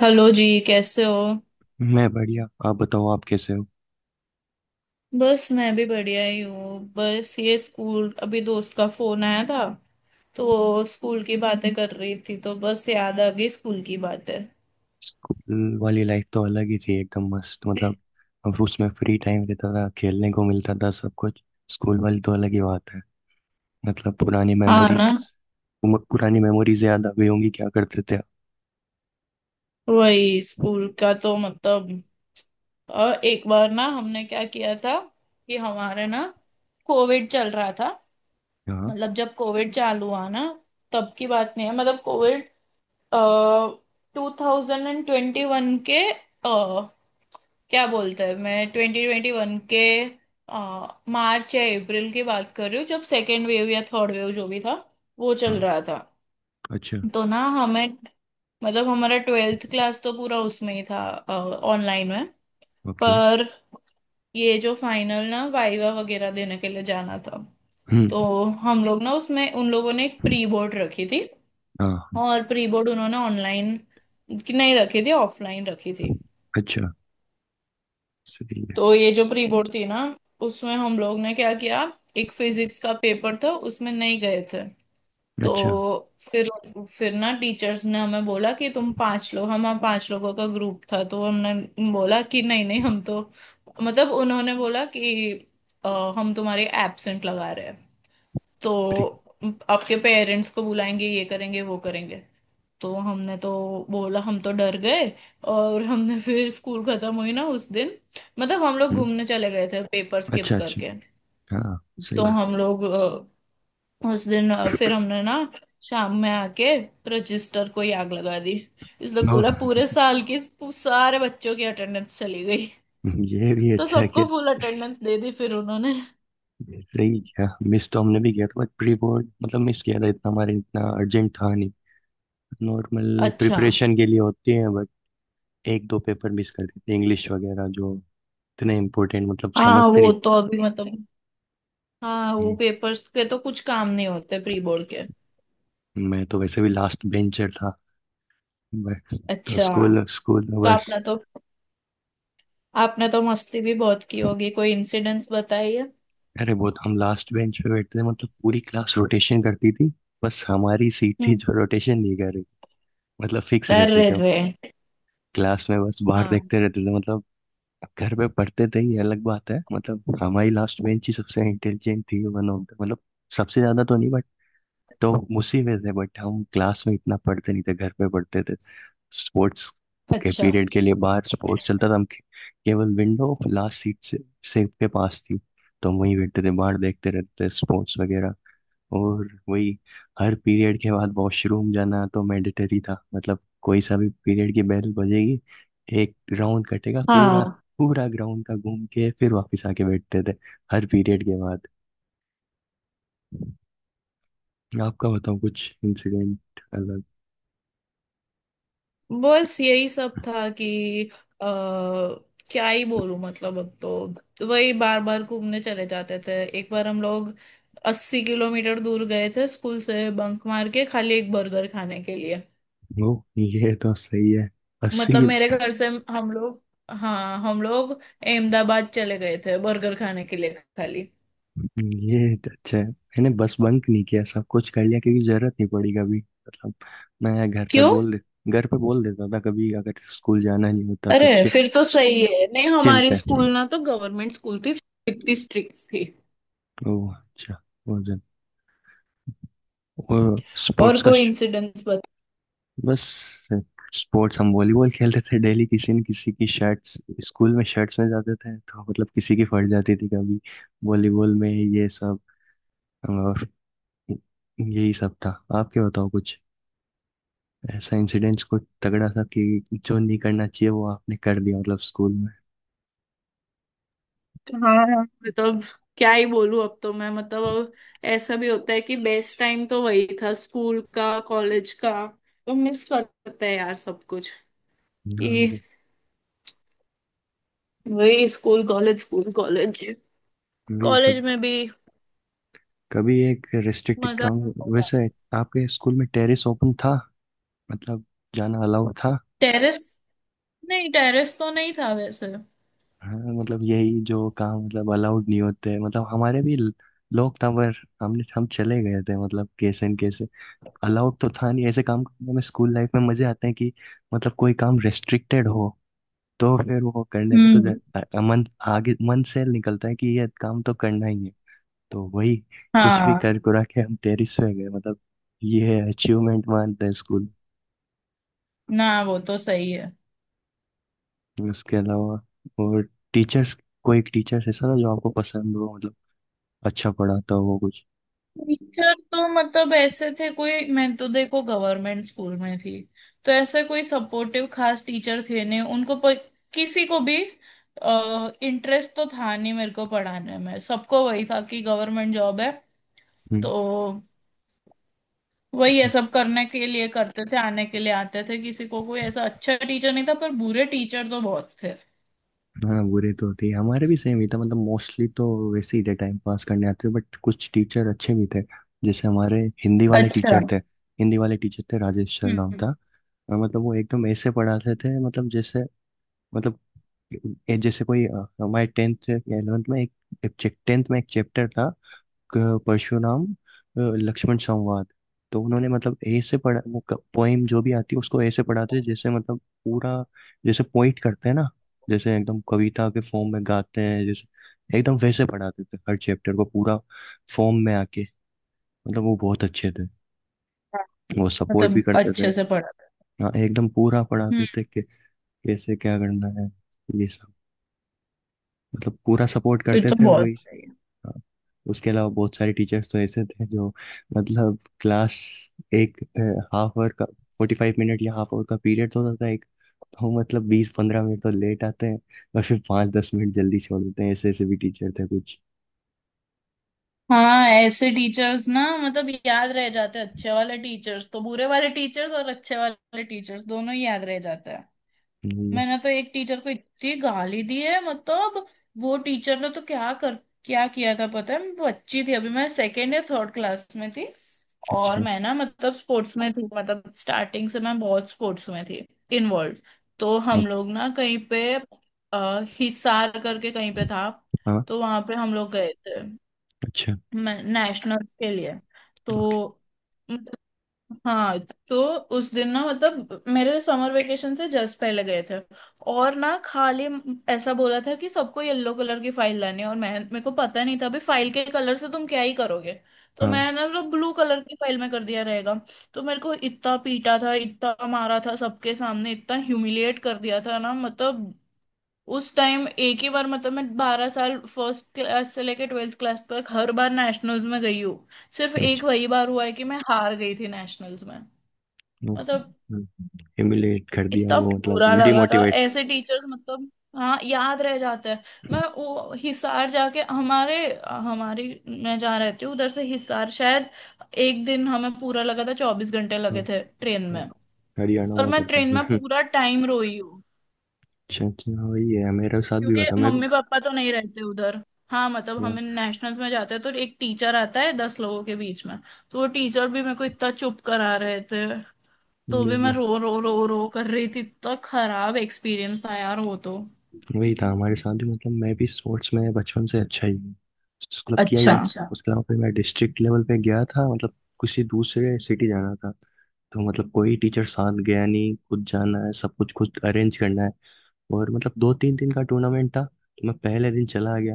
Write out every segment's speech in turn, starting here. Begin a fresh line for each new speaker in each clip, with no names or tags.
Hello जी कैसे हो।
मैं बढ़िया। आप बताओ आप कैसे हो।
बस मैं भी बढ़िया ही हूँ। बस ये स्कूल अभी दोस्त का फोन आया था तो वो स्कूल की बातें कर रही थी तो बस याद आ गई स्कूल की बातें।
स्कूल वाली लाइफ तो अलग ही थी, एकदम मस्त, मतलब अब उसमें फ्री टाइम रहता था, खेलने को मिलता था, सब कुछ। स्कूल वाली तो अलग ही बात है, मतलब पुरानी
हाँ ना।
मेमोरीज। पुरानी मेमोरीज याद आ गई होंगी, क्या करते थे आप?
वही स्कूल का तो मतलब एक बार ना हमने क्या किया था कि हमारे ना कोविड चल रहा था।
हाँ
मतलब जब कोविड चालू हुआ ना तब की बात नहीं है। मतलब कोविड 2021 के क्या बोलते हैं, मैं 2021 के मार्च या अप्रैल की बात कर रही हूँ जब सेकेंड वेव या थर्ड वेव जो भी था वो चल
हाँ।
रहा था।
अच्छा।
तो ना हमें मतलब हमारा ट्वेल्थ क्लास तो पूरा उसमें ही था, ऑनलाइन में।
ओके।
पर ये जो फाइनल ना वाइवा वगैरह देने के लिए जाना था,
हम्म।
तो हम लोग ना उसमें उन लोगों ने एक प्री बोर्ड रखी थी।
हाँ।
और प्री बोर्ड उन्होंने ऑनलाइन की नहीं रखी थी, ऑफलाइन रखी थी।
अच्छा। सही है।
तो ये जो प्री बोर्ड थी ना उसमें हम लोग ने क्या किया, एक फिजिक्स का पेपर था उसमें नहीं गए थे। तो
अच्छा।
फिर ना टीचर्स ने हमें बोला कि तुम पांच लोग हम पांच लोगों का ग्रुप था तो हमने बोला कि नहीं नहीं हम तो मतलब उन्होंने बोला कि हम तुम्हारे एब्सेंट लगा रहे हैं
प्री
तो आपके पेरेंट्स को बुलाएंगे ये करेंगे वो करेंगे। तो हमने तो बोला हम तो डर गए और हमने फिर स्कूल खत्म हुई ना उस दिन, मतलब हम लोग
हम्म।
घूमने चले गए थे पेपर स्किप
अच्छा अच्छा।
करके।
हाँ। सही
तो
है।
हम लोग उस दिन फिर हमने ना शाम में आके रजिस्टर को ही आग लगा दी। इसलिए
ओ।
पूरा पूरे साल की सारे बच्चों की अटेंडेंस चली गई।
ये भी
तो
अच्छा है।
सबको फुल अटेंडेंस दे दी फिर उन्होंने।
सही, क्या मिस तो हमने भी किया था, बट प्री बोर्ड मतलब मिस किया था, इतना हमारे इतना अर्जेंट था नहीं, नॉर्मल
अच्छा।
प्रिपरेशन के लिए होती हैं, बट एक दो पेपर मिस कर देते, इंग्लिश वगैरह जो इतने इम्पोर्टेंट मतलब
हाँ
समझते
वो
नहीं
तो अभी मतलब हाँ
थे।
वो पेपर्स के तो कुछ काम नहीं होते प्री बोर्ड के।
मैं तो वैसे भी लास्ट बेंचर था, बट तो
अच्छा।
स्कूल स्कूल में
तो
बस।
आपने तो मस्ती भी बहुत की होगी, कोई इंसिडेंस बताइए।
अरे बहुत, हम लास्ट बेंच पे बैठते थे, मतलब पूरी क्लास रोटेशन करती थी, बस हमारी सीट थी
हम्म।
जो रोटेशन नहीं कर रही, मतलब फिक्स
कर
रहते
रहे
थे हम।
थे।
क्लास में बस बाहर
हाँ।
देखते रहते थे, मतलब अब घर में पढ़ते थे ये अलग बात है। मतलब हमारी लास्ट बेंच ही सबसे इंटेलिजेंट थी, वन ऑफ द मतलब, सबसे ज्यादा तो नहीं, बट तो उसी में थे। बट हम क्लास में इतना पढ़ते नहीं थे, घर पे पढ़ते थे। स्पोर्ट्स के
अच्छा।
पीरियड के लिए बाहर स्पोर्ट्स चलता था, केवल विंडो लास्ट सीट से सेफ के पास थी, तो हम वहीं बैठते थे, बाहर देखते रहते थे स्पोर्ट्स वगैरह। और वही हर पीरियड के बाद वॉशरूम जाना तो मैंडेटरी था, मतलब कोई सा भी पीरियड की बेल बजेगी, एक राउंड कटेगा पूरा,
हाँ।
पूरा ग्राउंड का घूम के फिर वापस आके बैठते थे, हर पीरियड के बाद। आपका बताओ कुछ इंसिडेंट अलग।
बस यही सब था कि आ, क्या ही बोलूं मतलब अब तो वही बार बार घूमने चले जाते थे। एक बार हम लोग 80 किलोमीटर दूर गए थे स्कूल से बंक मार के खाली एक बर्गर खाने के लिए।
वो ये तो सही है। अस्सी
मतलब मेरे घर से हम लोग हाँ हम लोग अहमदाबाद चले गए थे बर्गर खाने के लिए खाली।
ये तो अच्छा है। मैंने बस बंक नहीं किया, सब कुछ कर लिया, क्योंकि जरूरत नहीं पड़ी कभी। मतलब मैं घर पे
क्यों
बोल दे, घर पे बोल देता था, कभी अगर स्कूल जाना नहीं होता तो
अरे फिर तो सही है। नहीं
चिल
हमारी
थे।
स्कूल ना तो गवर्नमेंट स्कूल थी, इतनी स्ट्रिक्ट थी।
ओह अच्छा। वो जन और
और
स्पोर्ट्स का
कोई इंसिडेंट्स बता।
बस स्पोर्ट्स, हम वॉलीबॉल खेलते थे डेली, किसी न किसी की शर्ट्स, स्कूल में शर्ट्स में जाते थे, तो मतलब किसी की फट जाती थी कभी, वॉलीबॉल में ये सब। और यही सब था। आप क्या बताओ कुछ ऐसा इंसिडेंट्स, कुछ तगड़ा सा कि जो नहीं करना चाहिए वो आपने कर दिया, मतलब स्कूल में।
हाँ हाँ, मतलब क्या ही बोलूं। अब तो मैं मतलब अब ऐसा भी होता है कि बेस्ट टाइम तो वही था स्कूल का कॉलेज का। तो मिस करते हैं यार सब कुछ।
हाँ,
ये
वो
वही स्कूल कॉलेज
भी, कभी
कॉलेज में भी
कभी एक रेस्ट्रिक्टेड
मजा
काम।
आता।
वैसे आपके स्कूल में टेरेस ओपन था, मतलब जाना अलाउड था?
टेरेस नहीं, टेरेस तो नहीं था वैसे।
हाँ, मतलब यही जो काम मतलब अलाउड नहीं होते, मतलब हमारे भी लोग था, पर हमने, हम चले गए थे मतलब कैसे न कैसे। अलाउड तो था नहीं ऐसे काम करने में, स्कूल लाइफ में मजे आते हैं कि मतलब कोई काम रेस्ट्रिक्टेड हो तो फिर वो करने में तो
हम्म।
मन आगे, मन से निकलता है कि ये काम तो करना ही है। तो वही, कुछ भी
हाँ
कर कुरा के हम टेरिस पे गए, मतलब ये अचीवमेंट मानते हैं स्कूल।
ना वो तो सही है।
उसके अलावा और टीचर्स, कोई टीचर्स ऐसा था जो आपको पसंद हो, मतलब अच्छा पढ़ाता हो वो कुछ?
टीचर तो मतलब ऐसे थे कोई, मैं तो देखो गवर्नमेंट स्कूल में थी तो ऐसे कोई सपोर्टिव खास टीचर थे नहीं। उनको किसी को भी इंटरेस्ट तो था नहीं मेरे को पढ़ाने में, सबको वही था कि गवर्नमेंट जॉब है
हम्म।
तो वही है,
अच्छा।
सब करने के लिए करते थे आने के लिए आते थे। किसी को कोई ऐसा अच्छा टीचर नहीं था पर बुरे टीचर तो बहुत थे।
हाँ, बुरे तो होते ही, हमारे भी सेम ही था, मतलब मोस्टली तो वैसे ही थे, टाइम पास करने आते थे। बट कुछ टीचर अच्छे भी थे, जैसे हमारे हिंदी वाले
अच्छा।
टीचर थे। हिंदी वाले टीचर थे, राजेश सर
हम्म
नाम
हम्म।
था। मतलब वो एकदम ऐसे पढ़ाते थे, मतलब जैसे, मतलब जैसे कोई, हमारे 10th या 11th में, एक 10th में एक चैप्टर था, परशुराम, लक्ष्मण संवाद, तो उन्होंने मतलब ए से पढ़ा वो। पोएम जो भी आती है उसको ए से पढ़ाते थे, जैसे मतलब पूरा, जैसे पोइट करते हैं ना, जैसे एकदम कविता के फॉर्म में गाते हैं, जैसे एकदम वैसे पढ़ाते थे हर चैप्टर को, पूरा फॉर्म में आके, मतलब वो बहुत अच्छे थे।
हाँ,
वो सपोर्ट भी
मतलब
करते थे।
अच्छे से पढ़ाते।
हाँ एकदम पूरा
हम्म।
पढ़ाते थे कि कैसे क्या करना है, ये सब, मतलब पूरा सपोर्ट
फिर
करते
तो
थे
बहुत
वही।
सही है।
हाँ, उसके अलावा बहुत सारे टीचर्स तो ऐसे थे जो, मतलब क्लास, एक हाफ आवर का, 45 मिनट या हाफ आवर का पीरियड होता था एक, तो मतलब बीस पंद्रह मिनट तो लेट आते हैं, और फिर पाँच दस मिनट जल्दी छोड़ देते हैं, ऐसे ऐसे भी टीचर थे कुछ।
हाँ ऐसे टीचर्स ना मतलब याद रह जाते हैं। अच्छे वाले टीचर्स तो बुरे वाले टीचर्स और अच्छे वाले टीचर्स दोनों ही याद रह जाते हैं।
नहीं है।
मैंने तो एक टीचर को इतनी गाली दी है मतलब वो टीचर ने तो क्या किया था पता है? मैं बच्ची थी अभी, मैं सेकेंड या थर्ड क्लास में थी। और
अच्छा
मैं ना मतलब स्पोर्ट्स में थी, मतलब स्टार्टिंग से मैं बहुत स्पोर्ट्स में थी इन्वॉल्व। तो हम
अच्छा।
लोग ना कहीं पे हिसार करके कहीं पे था।
हाँ।
तो वहां पे हम लोग गए थे
अच्छा।
नेशनल्स के लिए।
ओके।
तो मतलब, हाँ तो उस दिन ना मतलब मेरे समर वेकेशन से जस्ट पहले गए थे। और ना खाली ऐसा बोला था कि सबको येलो कलर की फाइल लानी है और मैं मेरे को पता नहीं था अभी फाइल के कलर से तुम क्या ही करोगे। तो
हाँ।
मैंने ना ब्लू कलर की फाइल में कर दिया रहेगा। तो मेरे को इतना पीटा था, इतना मारा था, सबके सामने इतना ह्यूमिलिएट कर दिया था ना मतलब। उस टाइम एक ही बार मतलब मैं 12 साल फर्स्ट क्लास से लेकर ट्वेल्थ क्लास तक हर बार नेशनल्स में गई हूँ। सिर्फ
अच्छा।
एक वही बार हुआ है कि मैं हार गई थी नेशनल्स में।
ओ,
मतलब
humiliate कर दिया
इतना
वो,
बुरा
मतलब
लगा था।
डिमोटिवेट।
ऐसे टीचर्स मतलब हाँ याद रह जाते हैं। मैं वो हिसार जाके हमारे हमारी मैं जहाँ रहती हूँ उधर से हिसार शायद एक दिन हमें पूरा लगा था, 24 घंटे
हाँ।
लगे थे ट्रेन
हाँ,
में।
हरियाणा
और
में
मैं
पड़ता है।
ट्रेन में
हम्म।
पूरा टाइम रोई हूँ।
अच्छा अच्छा। हाँ, वही है, मेरे साथ भी
क्योंकि
हुआ था मैं भी।
मम्मी पापा तो नहीं रहते उधर। हाँ मतलब हम नेशनल्स में जाते हैं तो एक टीचर आता है 10 लोगों के बीच में। तो वो टीचर भी मेरे को इतना चुप करा रहे थे तो भी मैं
हाँ,
रो रो रो रो कर रही थी। इतना खराब एक्सपीरियंस था यार वो तो।
वही था हमारे साथ भी, मतलब मैं भी स्पोर्ट्स में बचपन से अच्छा ही हूँ, क्लब किया ही है
अच्छा।
अच्छा, उसके अलावा फिर मैं डिस्ट्रिक्ट लेवल पे गया था, मतलब किसी दूसरे सिटी जाना था, तो मतलब कोई टीचर साथ गया नहीं, खुद जाना है, सब कुछ खुद अरेंज करना है, और मतलब दो तीन दिन का टूर्नामेंट था, तो मैं पहले दिन चला गया।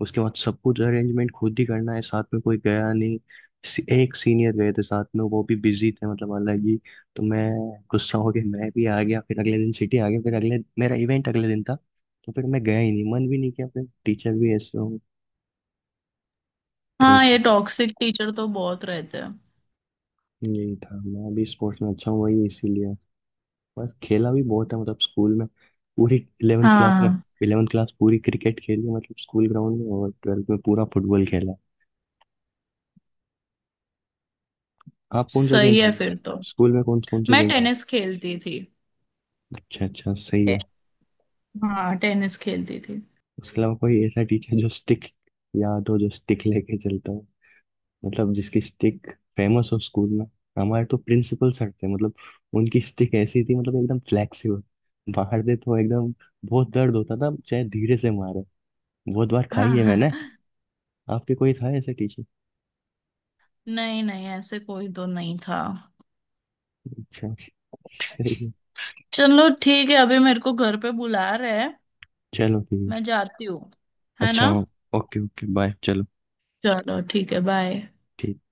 उसके बाद सब कुछ अरेंजमेंट खुद ही करना है, साथ में कोई गया नहीं, एक सीनियर गए थे साथ में, वो भी बिजी थे, मतलब अलग ही। तो मैं गुस्सा हो गया, मैं भी आ गया, फिर अगले दिन सिटी आ गया, फिर अगले, मेरा इवेंट अगले दिन था, तो फिर मैं गया ही नहीं, मन भी नहीं किया, फिर टीचर भी ऐसे हो, तो
हाँ ये
इसीलिए।
टॉक्सिक टीचर तो बहुत रहते हैं।
यही था, मैं भी स्पोर्ट्स में अच्छा हूँ, वही इसीलिए। बस खेला भी बहुत है, मतलब स्कूल में, पूरी इलेवेंथ क्लास में,
हाँ
इलेवेंथ क्लास पूरी क्रिकेट खेली है, मतलब स्कूल ग्राउंड में, और ट्वेल्थ में पूरा फुटबॉल खेला। आप कौन सा गेम
सही है
खेले,
फिर तो।
स्कूल में कौन कौन से
मैं
गेम खेले?
टेनिस खेलती थी।
अच्छा अच्छा, सही
टे-
है।
हाँ टेनिस खेलती थी।
उसके अलावा कोई ऐसा टीचर जो स्टिक याद हो, जो स्टिक लेके चलता हो, मतलब जिसकी स्टिक फेमस हो स्कूल में? हमारे तो प्रिंसिपल सर थे, मतलब उनकी स्टिक ऐसी थी, मतलब एकदम फ्लेक्सिबल, मारते तो एकदम बहुत दर्द होता था चाहे धीरे से मारे, बहुत बार खाई है मैंने।
हाँ।
आपके कोई था ऐसे टीचर?
नहीं नहीं ऐसे कोई तो नहीं था।
अच्छा, सही है।
चलो ठीक है अभी मेरे को घर पे बुला रहे हैं।
चलो ठीक
मैं
है।
जाती हूँ। है
अच्छा,
ना।
ओके ओके, बाय, चलो
चलो ठीक है बाय।
ठीक